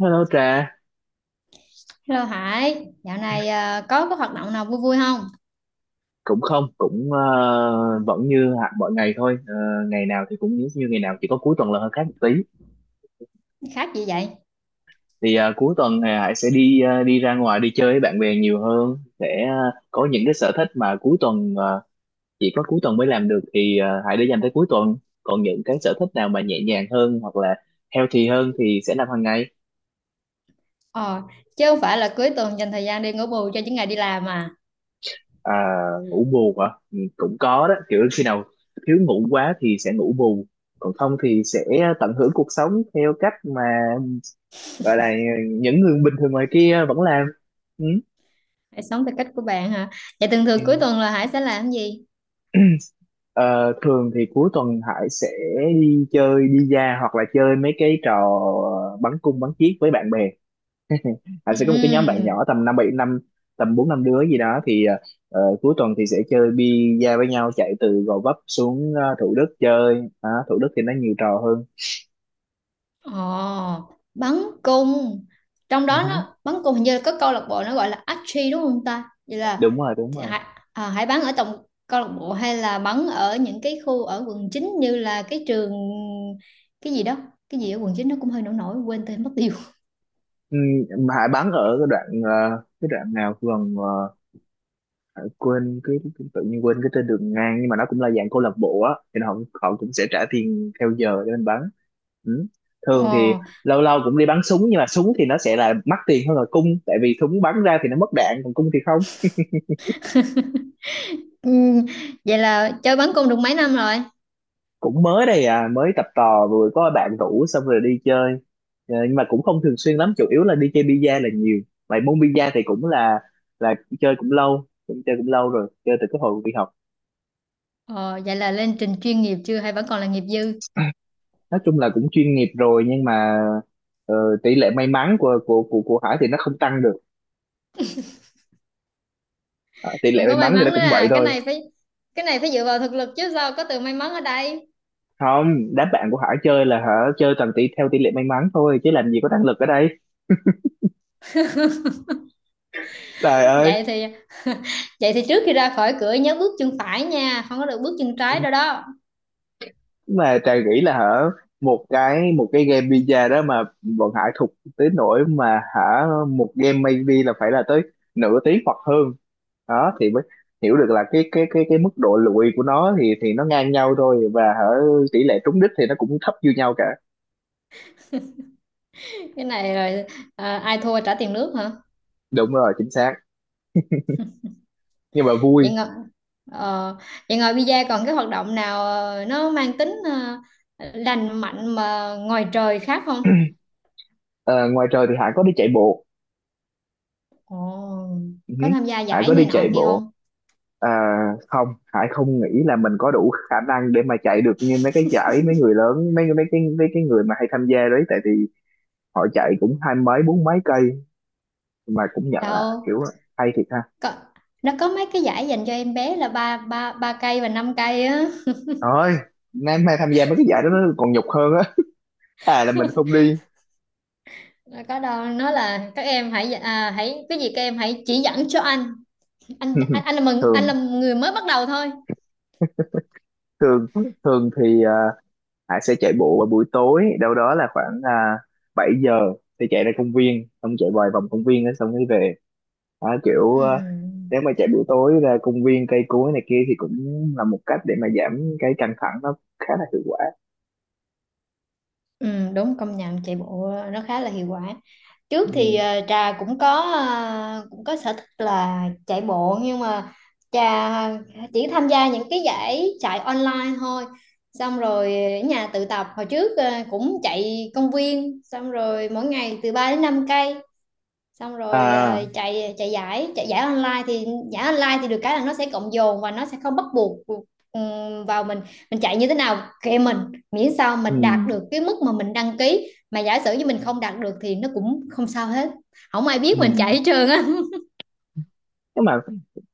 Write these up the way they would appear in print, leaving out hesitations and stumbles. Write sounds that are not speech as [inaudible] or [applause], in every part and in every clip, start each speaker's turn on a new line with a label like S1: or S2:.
S1: Hello Trà,
S2: Hello Hải, dạo này à, có cái hoạt động nào vui vui không?
S1: cũng không, cũng vẫn như hạt mọi ngày thôi. Ờ, Ngày nào thì cũng như, như ngày nào, chỉ có cuối tuần là hơi khác một tí.
S2: Khác gì vậy?
S1: Cuối tuần thì Hải sẽ đi đi ra ngoài đi chơi với bạn bè nhiều hơn, sẽ có những cái sở thích mà cuối tuần chỉ có cuối tuần mới làm được thì Hải để dành tới cuối tuần. Còn những cái sở thích nào mà nhẹ nhàng hơn hoặc là healthy hơn thì sẽ làm hàng ngày.
S2: Ờ, chứ không phải là cuối tuần dành thời gian đi ngủ bù cho những ngày đi làm à.
S1: À, ngủ bù hả? Ừ, cũng có đó, kiểu khi nào thiếu ngủ quá thì sẽ ngủ bù, còn không thì sẽ tận hưởng cuộc sống theo cách mà gọi là những người bình thường ngoài kia vẫn làm. Ừ.
S2: Hãy sống theo cách của bạn hả? Vậy thường
S1: Ừ.
S2: thường cuối tuần là Hải sẽ làm cái gì?
S1: [clears throat] Ờ, Thường thì cuối tuần Hải sẽ đi chơi đi ra hoặc là chơi mấy cái trò bắn cung bắn chiếc với bạn bè. Anh sẽ có một cái nhóm bạn
S2: Ừm.
S1: nhỏ tầm năm bảy năm, tầm bốn năm đứa gì đó thì cuối tuần thì sẽ chơi bi-a với nhau, chạy từ Gò Vấp xuống Thủ Đức chơi. Đó, Thủ Đức thì nó nhiều trò hơn.
S2: Ồ, bắn cung. Trong đó
S1: Ừ,
S2: nó bắn cung hình như có câu lạc bộ nó gọi là archery đúng không ta? Vậy là
S1: đúng rồi đúng rồi.
S2: Hải, Hải bắn ở trong câu lạc bộ hay là bắn ở những cái khu ở quận 9 như là cái trường cái gì đó? Cái gì ở quận 9 nó cũng hơi nổi nổi quên tên mất tiêu.
S1: Ừ, Hải bắn ở cái đoạn cái đoạn nào gần ờ, quên cái, tự nhiên quên cái tên đường ngang, nhưng mà nó cũng là dạng câu lạc bộ á, thì họ họ cũng sẽ trả tiền theo giờ để mình bắn. Ừ. Thường thì
S2: Ồ.
S1: lâu lâu cũng đi bắn súng, nhưng mà súng thì nó sẽ là mắc tiền hơn là cung, tại vì súng bắn ra thì nó mất đạn còn cung thì không.
S2: Ừ, vậy là chơi bắn cung được mấy năm rồi?
S1: Cũng mới đây à, mới tập tò, vừa có bạn rủ xong rồi đi chơi. Ờ, nhưng mà cũng không thường xuyên lắm, chủ yếu là đi chơi bi-a là nhiều. Vậy môn bi-a thì cũng là là chơi cũng lâu, cũng chơi cũng lâu rồi, chơi từ cái hồi đi học.
S2: Ờ, vậy là lên trình chuyên nghiệp chưa hay vẫn còn là nghiệp dư?
S1: Nói chung là cũng chuyên nghiệp rồi, nhưng mà ờ, tỷ lệ may mắn của Hải thì nó không tăng được. Ờ, tỷ lệ
S2: Cũng
S1: may
S2: có may
S1: mắn thì
S2: mắn
S1: nó
S2: nữa
S1: cũng vậy
S2: à, cái
S1: thôi.
S2: này phải cái này phải dựa vào thực lực chứ sao có từ may mắn ở đây.
S1: Không, đám bạn của Hải chơi là hả, chơi toàn tỷ theo tỷ lệ may mắn thôi chứ làm gì có năng lực ở đây, trời ơi.
S2: Vậy thì [laughs] vậy thì trước khi ra khỏi cửa nhớ bước chân phải nha, không có được bước chân trái đâu đó.
S1: Mà Trà nghĩ là hả, một cái game pizza đó mà bọn Hải thục tới nỗi mà hả một game maybe là phải là tới nửa tiếng hoặc hơn, đó thì mới hiểu được là cái mức độ lụi của nó thì nó ngang nhau thôi, và hả tỷ lệ trúng đích thì nó cũng thấp như nhau cả.
S2: Cái này rồi à, ai thua trả tiền nước hả?
S1: Đúng rồi, chính xác, nhưng mà vui.
S2: Vậy ngồi ờ, vậy ngồi bida còn cái hoạt động nào nó mang tính lành mạnh mà ngoài trời khác không?
S1: Ờ, ngoài trời thì Hải có đi chạy bộ.
S2: Ồ,
S1: Ừ.
S2: có tham gia
S1: Hải
S2: giải
S1: có đi
S2: này nọ
S1: chạy
S2: kia
S1: bộ.
S2: không?
S1: À, không, Hải không nghĩ là mình có đủ khả năng để mà chạy được như mấy cái giải mấy người lớn, mấy mấy cái người mà hay tham gia đấy, tại vì họ chạy cũng hai mấy bốn mấy cây, mà cũng nhận là
S2: Đâu
S1: kiểu hay thiệt ha.
S2: có, nó có mấy cái giải dành cho em bé là ba ba ba cây và 5 cây á.
S1: Thôi, nay mai tham gia mấy cái giải đó nó còn nhục hơn á, à là mình không đi.
S2: Nó có đâu, nó là các em hãy à, hãy cái gì các em hãy chỉ dẫn cho anh, anh anh,
S1: [laughs]
S2: anh là mừng anh
S1: thường
S2: là người mới bắt đầu thôi.
S1: thường thường thì à, Hải sẽ chạy bộ vào buổi tối, đâu đó là khoảng 7 giờ, thì chạy ra công viên xong chạy vài vòng công viên á, xong mới về. Đó, kiểu
S2: Ừm.
S1: nếu mà chạy buổi tối ra công viên cây cối này kia thì cũng là một cách để mà giảm cái căng thẳng, nó khá là hiệu quả.
S2: Ừ, đúng công nhận chạy bộ nó khá là hiệu quả. Trước thì
S1: Ừ.
S2: trà cũng có, cũng có sở thích là chạy bộ nhưng mà trà chỉ tham gia những cái giải chạy online thôi, xong rồi ở nhà tự tập. Hồi trước cũng chạy công viên, xong rồi mỗi ngày từ 3 đến 5 cây, xong rồi
S1: À.
S2: chạy chạy giải online thì được cái là nó sẽ cộng dồn và nó sẽ không bắt buộc. Vào mình chạy như thế nào kệ mình, miễn sao mình đạt
S1: Ừ.
S2: được cái mức mà mình đăng ký, mà giả sử như mình không đạt được thì nó cũng không sao hết, không ai biết
S1: Ừ.
S2: mình chạy hết trơn á. [laughs]
S1: Nhưng mà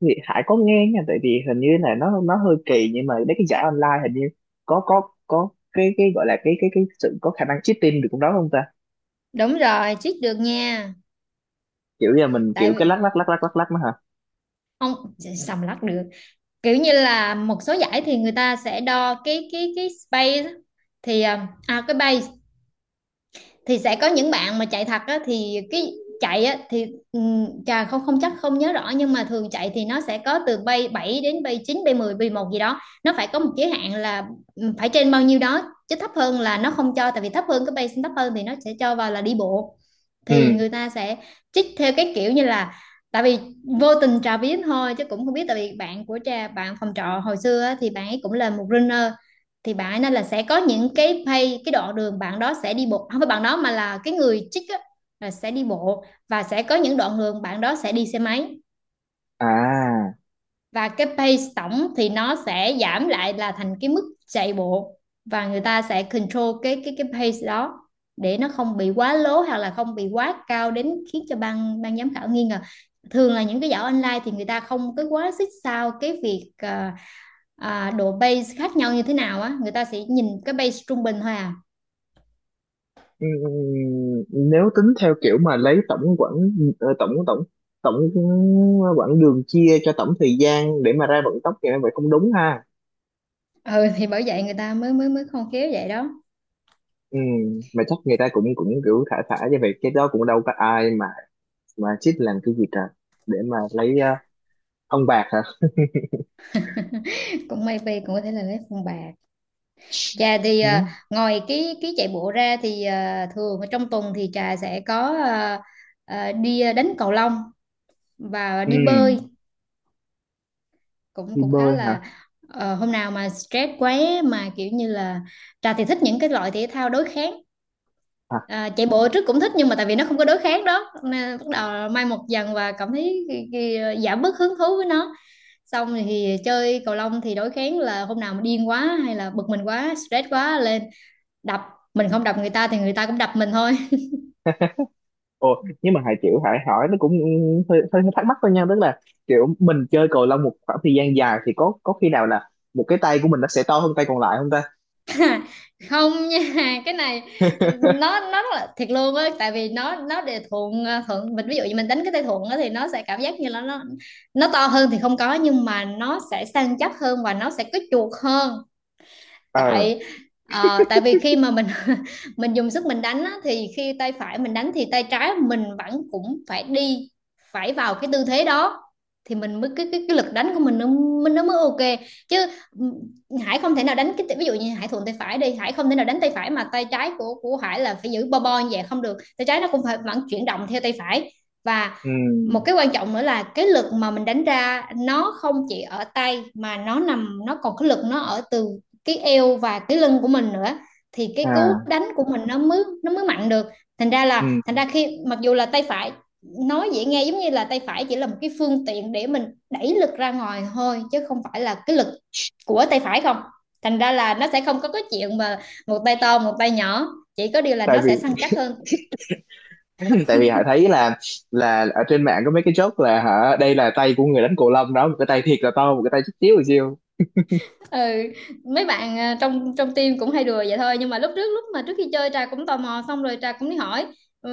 S1: Hải có nghe nha, tại vì hình như là nó hơi kỳ, nhưng mà mấy cái giải online hình như có cái gọi là cái sự có khả năng cheating được cũng đó không ta.
S2: Đúng rồi, cheat được nha.
S1: Kiểu giờ mình
S2: Tại
S1: kiểu cái lắc
S2: vì
S1: lắc lắc lắc lắc lắc mà hả.
S2: không sầm lắc được, kiểu như là một số giải thì người ta sẽ đo cái space á, thì cái base thì sẽ có những bạn mà chạy thật á, thì cái chạy á, thì chà, không không chắc không nhớ rõ, nhưng mà thường chạy thì nó sẽ có từ bay 7 đến bay chín, bay mười, bay mười một gì đó, nó phải có một giới hạn là phải trên bao nhiêu đó, chứ thấp hơn là nó không cho. Tại vì thấp hơn cái bay thấp hơn thì nó sẽ cho vào là đi bộ, thì
S1: Ừ.
S2: người ta sẽ trích theo cái kiểu như là, tại vì vô tình trà biết thôi chứ cũng không biết, tại vì bạn của trà, bạn phòng trọ hồi xưa á, thì bạn ấy cũng là một runner, thì bạn ấy nên là sẽ có những cái pay, cái đoạn đường bạn đó sẽ đi bộ, không phải bạn đó mà là cái người chích á, là sẽ đi bộ, và sẽ có những đoạn đường bạn đó sẽ đi xe máy,
S1: À.
S2: và cái pace tổng thì nó sẽ giảm lại là thành cái mức chạy bộ, và người ta sẽ control cái pace đó để nó không bị quá lố hoặc là không bị quá cao đến khiến cho ban ban giám khảo nghi ngờ. Thường là những cái giải online thì người ta không có quá xích sao cái việc độ base khác nhau như thế nào á, người ta sẽ nhìn cái base trung bình thôi à.
S1: Ừm, nếu tính theo kiểu mà lấy tổng quãng tổng tổng tổng quãng đường chia cho tổng thời gian để mà ra vận tốc thì nó vậy không đúng ha.
S2: Ừ thì bởi vậy người ta mới mới mới khôn khéo vậy đó.
S1: Ừm, mà chắc người ta cũng cũng kiểu thả thả như vậy, cái đó cũng đâu có ai mà chích làm cái gì trời, để mà lấy ông bạc hả.
S2: [laughs] Cũng maybe, cũng có thể là lấy phong bạc. Trà thì
S1: Ừm.
S2: ngoài cái chạy bộ ra thì thường ở trong tuần thì trà sẽ có, đi đánh cầu lông và đi bơi,
S1: Ừm,
S2: cũng
S1: đi
S2: cũng khá
S1: bơi hả?
S2: là, hôm nào mà stress quá, mà kiểu như là, trà thì thích những cái loại thể thao đối kháng.
S1: À,
S2: À, chạy bộ trước cũng thích nhưng mà tại vì nó không có đối kháng đó nên bắt đầu mai một dần và cảm thấy giảm bớt hứng thú với nó, xong thì chơi cầu lông thì đối kháng, là hôm nào mà điên quá hay là bực mình quá stress quá lên đập. Mình không đập người ta thì người ta cũng đập mình thôi.
S1: ồ, nhưng mà Hải kiểu Hải hỏi nó cũng hơi thắc mắc thôi nha, tức là kiểu mình chơi cầu lông một khoảng thời gian dài thì có khi nào là một cái tay của mình nó sẽ to hơn tay còn lại không ta.
S2: [laughs] Không nha, cái này ừ, nó rất là thiệt luôn á, tại vì nó để thuận mình, ví dụ như mình đánh cái tay thuận á thì nó sẽ cảm giác như là nó to hơn thì không có, nhưng mà nó sẽ săn chắc hơn và nó sẽ có chuột hơn.
S1: Ờ.
S2: Tại ờ, tại vì khi mà mình [laughs] mình dùng sức mình đánh á, thì khi tay phải mình đánh thì tay trái mình vẫn cũng phải đi, phải vào cái tư thế đó thì mình mới, cái lực đánh của mình nó, mình nó mới ok chứ. Ừ, Hải không thể nào đánh cái, ví dụ như Hải thuận tay phải đi, Hải không thể nào đánh tay phải mà tay trái của Hải là phải giữ bo bo như vậy, không được, tay trái nó cũng phải vẫn chuyển động theo tay phải. Và một
S1: Ừ.
S2: cái quan trọng nữa là cái lực mà mình đánh ra nó không chỉ ở tay, mà nó nằm, nó còn cái lực nó ở từ cái eo và cái lưng của mình nữa, thì cái cú
S1: À.
S2: đánh của mình nó mới, nó mới mạnh được. thành ra là
S1: Ừ.
S2: thành ra khi mặc dù là tay phải, nói dễ nghe giống như là tay phải chỉ là một cái phương tiện để mình đẩy lực ra ngoài thôi chứ không phải là cái lực của tay phải không. Thành ra là nó sẽ không có cái chuyện mà một tay to một tay nhỏ, chỉ có điều là
S1: Tại
S2: nó sẽ
S1: vì
S2: săn chắc hơn.
S1: [laughs] tại vì họ thấy là ở trên mạng có mấy cái joke là hả, đây là tay của người đánh cầu lông đó, một cái tay thiệt là to một cái tay chút xíu rồi siêu.
S2: Ừ, mấy bạn trong trong team cũng hay đùa vậy thôi, nhưng mà lúc trước, lúc mà trước khi chơi Trà cũng tò mò, xong rồi Trà cũng đi hỏi, ờ,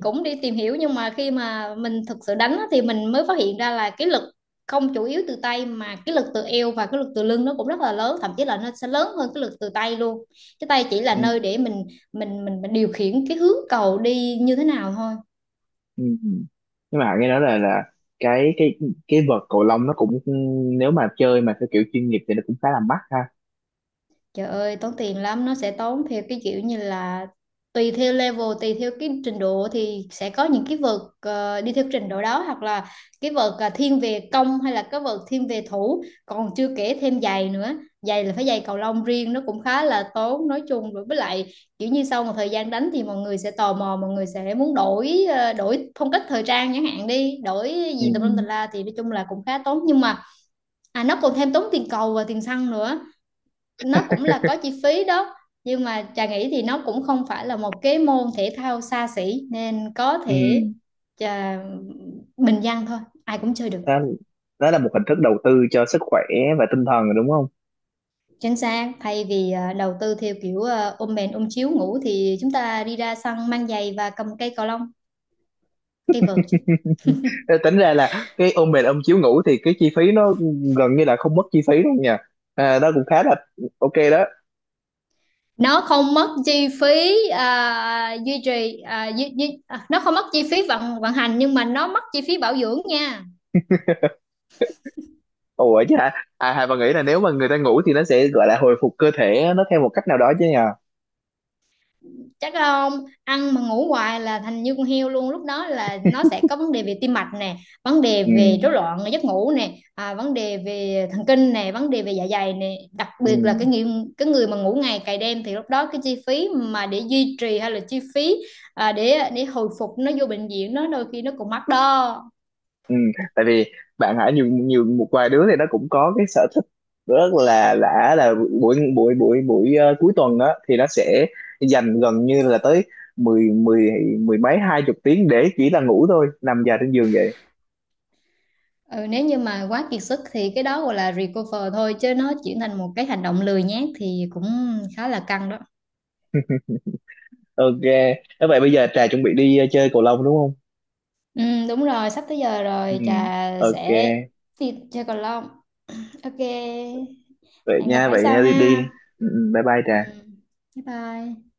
S2: cũng đi tìm hiểu, nhưng mà khi mà mình thực sự đánh á, thì mình mới phát hiện ra là cái lực không chủ yếu từ tay, mà cái lực từ eo và cái lực từ lưng nó cũng rất là lớn, thậm chí là nó sẽ lớn hơn cái lực từ tay luôn. Cái tay chỉ là
S1: Ừ.
S2: nơi để mình điều khiển cái hướng cầu đi như thế nào thôi.
S1: Ừ. Nhưng mà họ nghe nói là cái cái cái vợt cầu lông nó cũng, nếu mà chơi mà theo kiểu chuyên nghiệp thì nó cũng khá là mắc ha.
S2: Trời ơi, tốn tiền lắm, nó sẽ tốn theo cái kiểu như là tùy theo level, tùy theo cái trình độ thì sẽ có những cái vợt đi theo trình độ đó, hoặc là cái vợt thiên về công hay là cái vợt thiên về thủ, còn chưa kể thêm giày nữa. Giày là phải giày cầu lông riêng, nó cũng khá là tốn. Nói chung rồi, với lại kiểu như sau một thời gian đánh thì mọi người sẽ tò mò, mọi người sẽ muốn đổi phong cách thời trang chẳng hạn đi, đổi
S1: Ừ.
S2: gì tùm lum tùm la, thì nói chung là cũng khá tốn, nhưng mà nó còn thêm tốn tiền cầu và tiền xăng nữa, nó cũng là có chi phí đó. Nhưng mà Trà nghĩ thì nó cũng không phải là một cái môn thể thao xa xỉ, nên có
S1: Ừ.
S2: thể Trà bình dân thôi, ai cũng chơi được.
S1: Đó, đó là một hình thức đầu tư cho sức khỏe và tinh thần rồi đúng không.
S2: Chính xác, thay vì đầu tư theo kiểu ôm mền ôm chiếu ngủ thì chúng ta đi ra sân mang giày và cầm cây cầu lông, cây vợt chứ.
S1: Tính ra là cái ôm mền ôm chiếu ngủ thì cái chi phí nó gần như là không mất chi phí luôn nha. À, đó cũng khá là ok đó.
S2: Nó không mất chi phí à, duy trì à, duy, duy, à, nó không mất chi phí vận vận hành, nhưng mà nó mất chi phí bảo dưỡng nha.
S1: Ủa chứ hả, à, Hà bà nghĩ là nếu mà người ta ngủ thì nó sẽ gọi là hồi phục cơ thể nó theo một cách nào đó chứ nha.
S2: Chắc không, ăn mà ngủ hoài là thành như con heo luôn, lúc đó là nó sẽ có vấn đề về tim mạch nè, vấn đề
S1: Ừ,
S2: về rối loạn giấc ngủ nè, vấn đề về thần kinh nè, vấn đề về dạ dày nè, đặc
S1: ừ.
S2: biệt là cái người mà ngủ ngày cày đêm, thì lúc đó cái chi phí mà để duy trì hay là chi phí để hồi phục, nó vô bệnh viện nó đôi khi nó còn mắc đó.
S1: Ừ. Tại vì bạn hả nhiều, một vài đứa thì nó cũng có cái sở thích rất là lạ là buổi buổi buổi buổi cuối tuần đó thì nó sẽ dành gần như là tới mười mười mười mấy hai chục tiếng để chỉ là ngủ thôi, nằm dài trên giường.
S2: Ừ, nếu như mà quá kiệt sức thì cái đó gọi là recover thôi, chứ nó chuyển thành một cái hành động lười nhác thì cũng khá là căng đó.
S1: Ok. Thế vậy bây giờ Trà chuẩn bị đi chơi cầu lông đúng không.
S2: Ừ, đúng rồi, sắp tới giờ
S1: Ừ.
S2: rồi, trà
S1: Ok,
S2: sẽ đi chơi cầu lông. Ok,
S1: vậy
S2: hẹn gặp
S1: nha
S2: phải
S1: vậy
S2: sau
S1: nha, đi đi.
S2: ha.
S1: Ừ, ừ, bye bye
S2: Ừ,
S1: Trà.
S2: bye bye.